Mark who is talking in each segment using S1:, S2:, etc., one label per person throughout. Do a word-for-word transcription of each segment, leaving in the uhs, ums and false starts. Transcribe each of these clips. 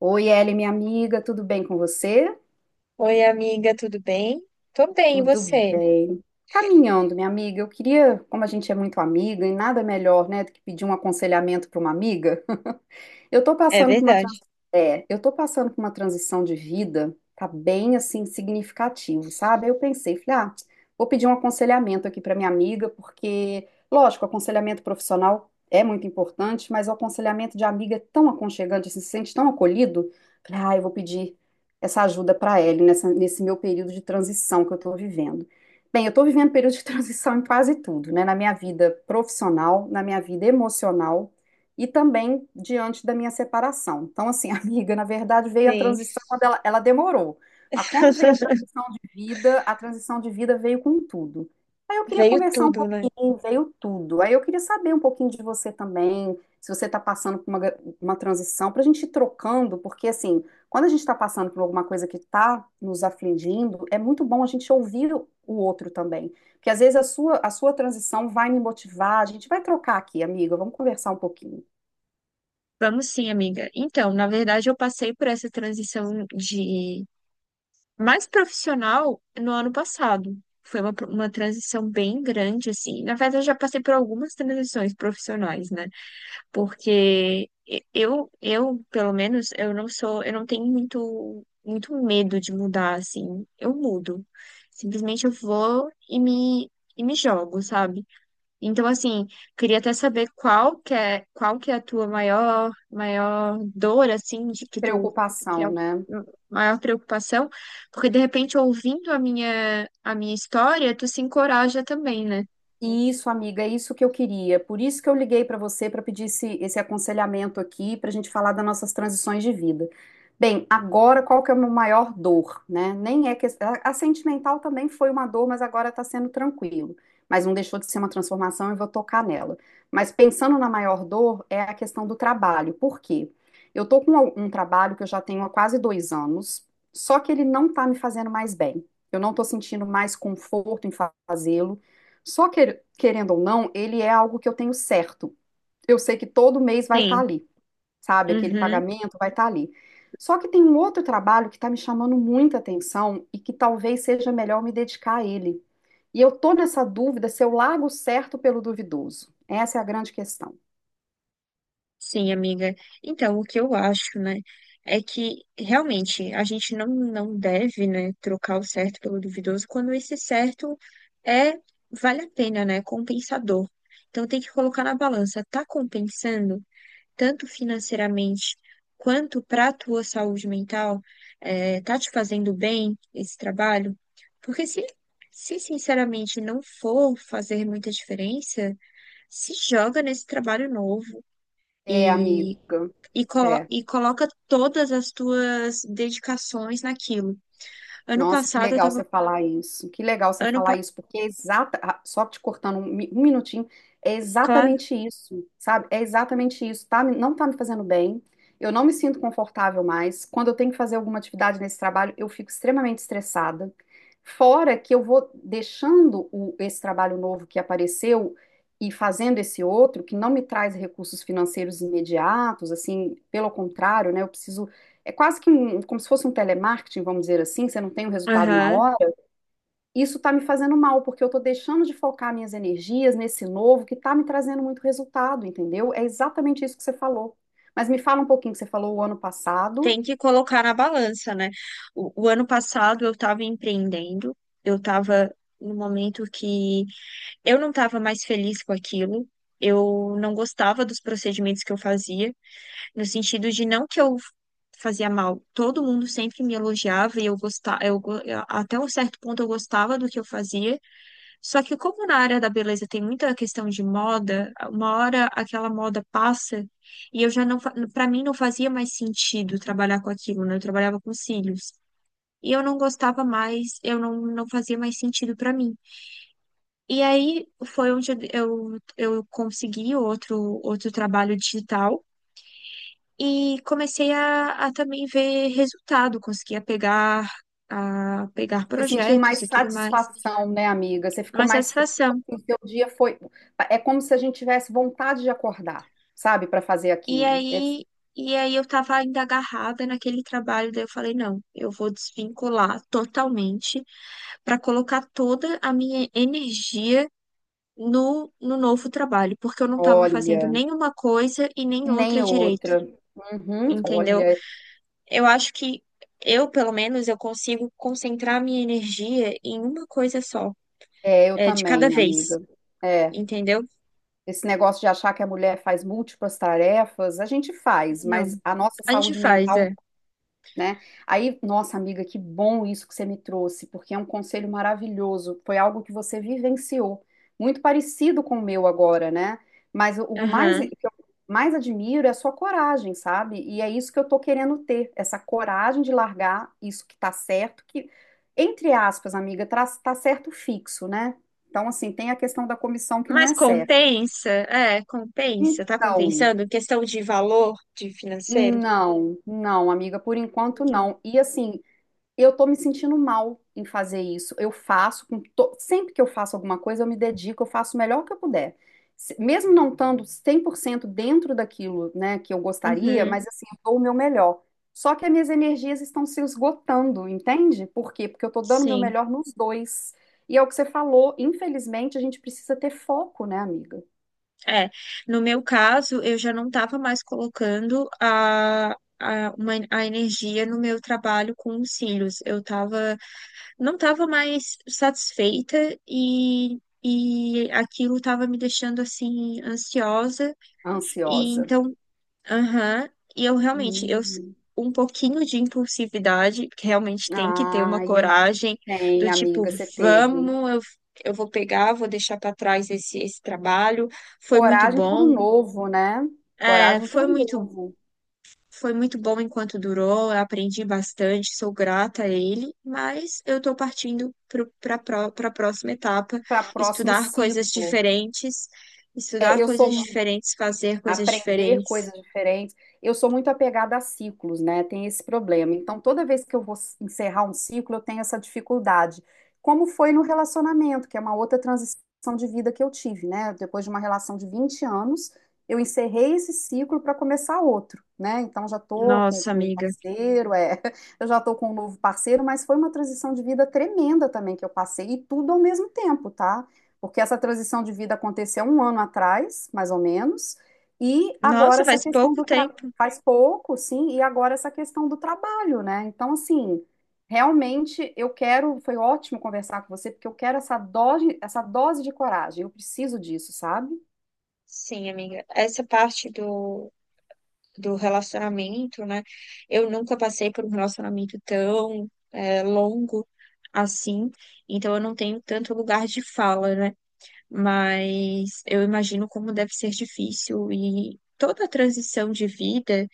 S1: Oi, Ellen, minha amiga, tudo bem com você?
S2: Oi, amiga, tudo bem? Tô bem, e
S1: Tudo
S2: você?
S1: bem. Caminhando, minha amiga, eu queria, como a gente é muito amiga, e nada melhor, né, do que pedir um aconselhamento para uma amiga. Eu tô
S2: É
S1: passando por uma trans...
S2: verdade.
S1: é, eu tô passando por uma transição de vida, tá bem assim significativo, sabe? Aí eu pensei, falei, ah, vou pedir um aconselhamento aqui para minha amiga, porque, lógico, aconselhamento profissional é muito importante, mas o aconselhamento de amiga é tão aconchegante, assim, se sente tão acolhido. Falei, ah, eu vou pedir essa ajuda para ela nessa, nesse meu período de transição que eu tô vivendo. Bem, eu estou vivendo período de transição em quase tudo, né? Na minha vida profissional, na minha vida emocional e também diante da minha separação. Então, assim, amiga, na verdade veio a
S2: Sim.
S1: transição, quando ela, ela demorou. Mas quando veio a transição de vida, a transição de vida veio com tudo. Aí eu queria
S2: Veio
S1: conversar um
S2: tudo, né?
S1: pouquinho, veio tudo. Aí eu queria saber um pouquinho de você também, se você está passando por uma, gra- uma transição, para a gente ir trocando, porque assim, quando a gente está passando por alguma coisa que está nos afligindo, é muito bom a gente ouvir o o outro também. Porque às vezes a sua, a sua transição vai me motivar, a gente vai trocar aqui, amiga, vamos conversar um pouquinho.
S2: Vamos sim, amiga. Então, na verdade, eu passei por essa transição de mais profissional no ano passado. Foi uma, uma transição bem grande, assim. Na verdade, eu já passei por algumas transições profissionais, né? Porque eu, eu, pelo menos, eu não sou, eu não tenho muito, muito medo de mudar, assim. Eu mudo. Simplesmente eu vou e me, e me jogo, sabe? Então, assim, queria até saber qual que é, qual que é a tua maior, maior dor, assim, de que tu, que é
S1: Preocupação,
S2: a
S1: né?
S2: maior preocupação, porque de repente, ouvindo a minha, a minha história, tu se encoraja também, né?
S1: Isso, amiga, é isso que eu queria. Por isso que eu liguei para você para pedir esse, esse aconselhamento aqui, para a gente falar das nossas transições de vida. Bem, agora qual que é a minha maior dor, né? Nem é que a a sentimental também foi uma dor, mas agora está sendo tranquilo. Mas não deixou de ser uma transformação, eu vou tocar nela. Mas pensando na maior dor, é a questão do trabalho. Por quê? Eu tô com um um trabalho que eu já tenho há quase dois anos, só que ele não está me fazendo mais bem. Eu não estou sentindo mais conforto em fazê-lo. Só que, querendo ou não, ele é algo que eu tenho certo. Eu sei que todo mês vai estar
S2: Sim.
S1: ali, sabe? Aquele
S2: Uhum.
S1: pagamento vai estar ali. Só que tem um outro trabalho que está me chamando muita atenção e que talvez seja melhor me dedicar a ele. E eu tô nessa dúvida se eu largo o certo pelo duvidoso. Essa é a grande questão.
S2: Sim, amiga. Então, o que eu acho, né, é que realmente a gente não, não deve, né, trocar o certo pelo duvidoso quando esse certo é vale a pena, né, compensador. Então, tem que colocar na balança, tá compensando tanto financeiramente quanto para a tua saúde mental, é, tá te fazendo bem esse trabalho? Porque se, se sinceramente não for fazer muita diferença, se joga nesse trabalho novo.
S1: É,
S2: E
S1: amiga.
S2: e, colo
S1: É.
S2: e coloca todas as tuas dedicações naquilo. Ano
S1: Nossa, que
S2: passado eu
S1: legal
S2: tava.
S1: você falar isso. Que legal você
S2: Ano
S1: falar
S2: pa-
S1: isso, porque é exata, ah, só te cortando um, mi- um minutinho, é
S2: Claro.
S1: exatamente isso, sabe? É exatamente isso, tá? me- Não tá me fazendo bem. Eu não me sinto confortável mais. Quando eu tenho que fazer alguma atividade nesse trabalho, eu fico extremamente estressada. Fora que eu vou deixando o- esse trabalho novo que apareceu e fazendo esse outro, que não me traz recursos financeiros imediatos, assim, pelo contrário, né? Eu preciso é quase que um, como se fosse um telemarketing, vamos dizer assim, você não tem o resultado na
S2: Aham.
S1: hora, isso está me fazendo mal, porque eu estou deixando de focar minhas energias nesse novo que está me trazendo muito resultado, entendeu? É exatamente isso que você falou. Mas me fala um pouquinho que você falou o ano passado,
S2: Tem que colocar na balança, né? O, o ano passado eu estava empreendendo, eu estava no momento que eu não estava mais feliz com aquilo. Eu não gostava dos procedimentos que eu fazia, no sentido de não que eu fazia mal. Todo mundo sempre me elogiava e eu gostava, eu, go- até um certo ponto eu gostava do que eu fazia. Só que como na área da beleza tem muita questão de moda, uma hora aquela moda passa e eu já não, para mim não fazia mais sentido trabalhar com aquilo, né? Eu trabalhava com cílios. E eu não gostava mais, eu não, não fazia mais sentido para mim. E aí foi onde eu, eu consegui outro, outro trabalho digital e comecei a, a também ver resultado, conseguia pegar, a pegar
S1: você sentiu mais
S2: projetos e tudo mais.
S1: satisfação, né, amiga? Você ficou
S2: Uma
S1: mais.
S2: satisfação.
S1: O seu dia foi. É como se a gente tivesse vontade de acordar, sabe, para fazer
S2: E
S1: aquilo. Esse-
S2: aí, e aí eu tava ainda agarrada naquele trabalho, daí eu falei, não, eu vou desvincular totalmente para colocar toda a minha energia no, no novo trabalho, porque eu não estava fazendo
S1: Olha,
S2: nenhuma coisa e nem
S1: nem
S2: outra direito,
S1: outra. Uhum,
S2: entendeu?
S1: olha,
S2: Eu acho que eu, pelo menos, eu consigo concentrar minha energia em uma coisa só,
S1: é, eu
S2: é, de cada
S1: também,
S2: vez,
S1: amiga. É.
S2: entendeu?
S1: Esse negócio de achar que a mulher faz múltiplas tarefas, a gente faz,
S2: Não.
S1: mas a nossa
S2: A gente
S1: saúde
S2: faz, é.
S1: mental, né? Aí, nossa amiga, que bom isso que você me trouxe, porque é um conselho maravilhoso. Foi algo que você vivenciou, muito parecido com o meu agora, né? Mas o o mais, o
S2: Aham.
S1: que eu mais admiro é a sua coragem, sabe? E é isso que eu tô querendo ter, essa coragem de largar isso que tá certo, que, entre aspas, amiga, tá, tá certo fixo, né? Então, assim, tem a questão da comissão que não é
S2: Mas
S1: certa.
S2: compensa? É, compensa. Tá
S1: Então,
S2: compensando? Em questão de valor de financeiro?
S1: não, não, amiga, por enquanto
S2: Não.
S1: não. E assim, eu tô me sentindo mal em fazer isso. Eu faço, com to- sempre que eu faço alguma coisa, eu me dedico, eu faço o melhor que eu puder. Se- Mesmo não estando cem por cento dentro daquilo, né, que eu gostaria,
S2: Uhum,
S1: mas assim, eu dou o meu melhor. Só que as minhas energias estão se esgotando, entende? Por quê? Porque eu tô dando o meu
S2: sim.
S1: melhor nos dois. E é o que você falou, infelizmente, a gente precisa ter foco, né, amiga?
S2: É. No meu caso, eu já não estava mais colocando a, a, uma, a energia no meu trabalho com os cílios. Eu tava, não estava mais satisfeita. e. E aquilo estava me deixando assim ansiosa, e
S1: Ansiosa.
S2: então aham, e eu realmente, eu s-
S1: Hum.
S2: um pouquinho de impulsividade, que realmente tem que ter uma
S1: Ah,
S2: coragem
S1: tem,
S2: do tipo,
S1: amiga, você teve.
S2: vamos, eu, eu vou pegar, vou deixar para trás esse, esse trabalho, foi muito
S1: Coragem para o
S2: bom.
S1: novo, né?
S2: É,
S1: Coragem para
S2: foi
S1: o
S2: muito,
S1: novo,
S2: foi muito bom enquanto durou, eu aprendi bastante, sou grata a ele, mas eu estou partindo para a próxima etapa,
S1: para próximo
S2: estudar coisas
S1: ciclo.
S2: diferentes,
S1: É,
S2: estudar
S1: eu sou,
S2: coisas diferentes, fazer coisas
S1: aprender coisas
S2: diferentes.
S1: diferentes. Eu sou muito apegada a ciclos, né? Tem esse problema. Então, toda vez que eu vou encerrar um ciclo, eu tenho essa dificuldade. Como foi no relacionamento, que é uma outra transição de vida que eu tive, né? Depois de uma relação de vinte anos, eu encerrei esse ciclo para começar outro, né? Então, já tô com,
S2: Nossa,
S1: com um
S2: amiga.
S1: parceiro, é, eu já tô com um novo parceiro, mas foi uma transição de vida tremenda também que eu passei, e tudo ao mesmo tempo, tá? Porque essa transição de vida aconteceu um ano atrás, mais ou menos, e agora
S2: Nossa,
S1: essa
S2: faz
S1: questão
S2: pouco
S1: do tra...
S2: tempo.
S1: faz pouco, sim, e agora essa questão do trabalho, né? Então, assim, realmente eu quero, foi ótimo conversar com você, porque eu quero essa dose, essa dose de coragem, eu preciso disso, sabe?
S2: Sim, amiga. Essa parte do, do relacionamento, né? Eu nunca passei por um relacionamento tão é, longo assim, então eu não tenho tanto lugar de fala, né? Mas eu imagino como deve ser difícil e toda a transição de vida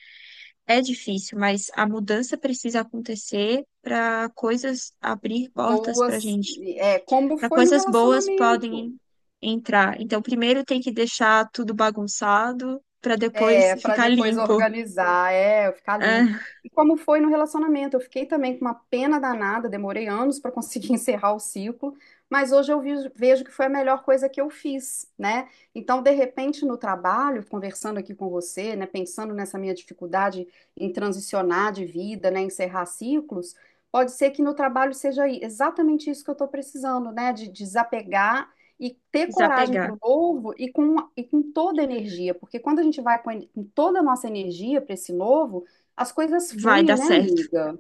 S2: é difícil, mas a mudança precisa acontecer para coisas abrir portas para
S1: Boas,
S2: gente.
S1: é, como
S2: Para
S1: foi no
S2: coisas boas
S1: relacionamento.
S2: podem entrar. Então, primeiro tem que deixar tudo bagunçado para depois
S1: É, para
S2: ficar
S1: depois
S2: limpo.
S1: organizar, é, ficar limpo.
S2: Ah,
S1: E como foi no relacionamento? Eu fiquei também com uma pena danada, demorei anos para conseguir encerrar o ciclo, mas hoje eu vi- vejo que foi a melhor coisa que eu fiz, né? Então, de repente, no trabalho, conversando aqui com você, né, pensando nessa minha dificuldade em transicionar de vida, né, encerrar ciclos, pode ser que no trabalho seja i- exatamente isso que eu estou precisando, né, de desapegar e ter coragem para
S2: desapegar.
S1: o novo e com, e com toda a energia, porque quando a gente vai com, en- com toda a nossa energia para esse novo, as coisas
S2: Vai
S1: fluem,
S2: dar
S1: né,
S2: certo.
S1: amiga?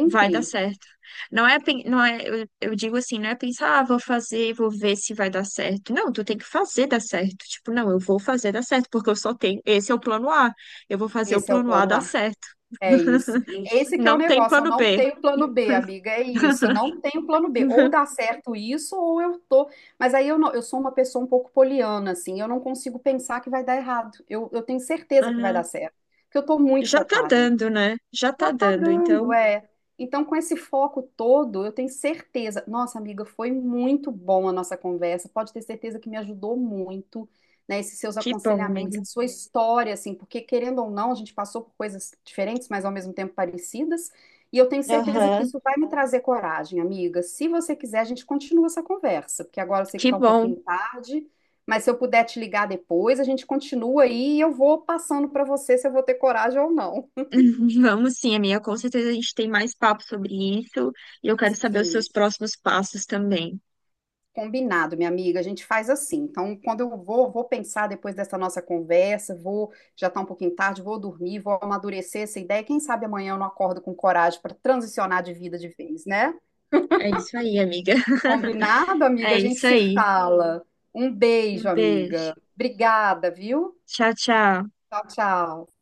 S2: Vai dar certo. Não é, pen- não é, eu, eu digo assim, não é pensar, ah, vou fazer, vou ver se vai dar certo. Não, tu tem que fazer dar certo. Tipo, não, eu vou fazer dar certo, porque eu só tenho, esse é o plano A. Eu vou fazer o
S1: Esse é o
S2: plano A
S1: plano
S2: dar
S1: A.
S2: certo.
S1: É isso. Esse que é o
S2: Não tem
S1: negócio. Eu
S2: plano
S1: não
S2: B.
S1: tenho plano B, amiga. É isso. Eu não tenho plano B. Ou dá certo isso, ou eu tô. Mas aí eu não, eu sou uma pessoa um pouco poliana, assim. Eu não consigo pensar que vai dar errado. Eu, eu tenho certeza que vai dar
S2: Aham.
S1: certo. Porque eu tô muito
S2: Já tá
S1: focada.
S2: dando, né? Já tá
S1: Já tá
S2: dando.
S1: dando,
S2: Então,
S1: é. Então, com esse foco todo, eu tenho certeza. Nossa, amiga, foi muito bom a nossa conversa. Pode ter certeza que me ajudou muito, né? Esses seus
S2: que bom,
S1: aconselhamentos,
S2: amiga.
S1: a sua história, assim, porque querendo ou não, a gente passou por coisas diferentes, mas ao mesmo tempo parecidas. E eu tenho certeza que
S2: Aham,
S1: isso vai me trazer coragem, amiga. Se você quiser, a gente continua essa conversa, porque agora eu sei que
S2: que
S1: tá um
S2: bom.
S1: pouquinho tarde, mas se eu puder te ligar depois, a gente continua aí e eu vou passando para você se eu vou ter coragem ou não.
S2: Vamos sim, amiga. Com certeza a gente tem mais papo sobre isso e eu quero saber os
S1: Sim.
S2: seus próximos passos também.
S1: Combinado, minha amiga. A gente faz assim. Então, quando eu vou, vou pensar depois dessa nossa conversa, vou, já tá um pouquinho tarde, vou dormir, vou amadurecer essa ideia. Quem sabe amanhã eu não acordo com coragem para transicionar de vida de vez, né?
S2: É isso aí, amiga.
S1: Combinado, amiga?
S2: É
S1: A gente
S2: isso
S1: se
S2: aí.
S1: fala. Um
S2: Um
S1: beijo, amiga.
S2: beijo.
S1: Obrigada, viu?
S2: Tchau, tchau.
S1: Tchau, tchau.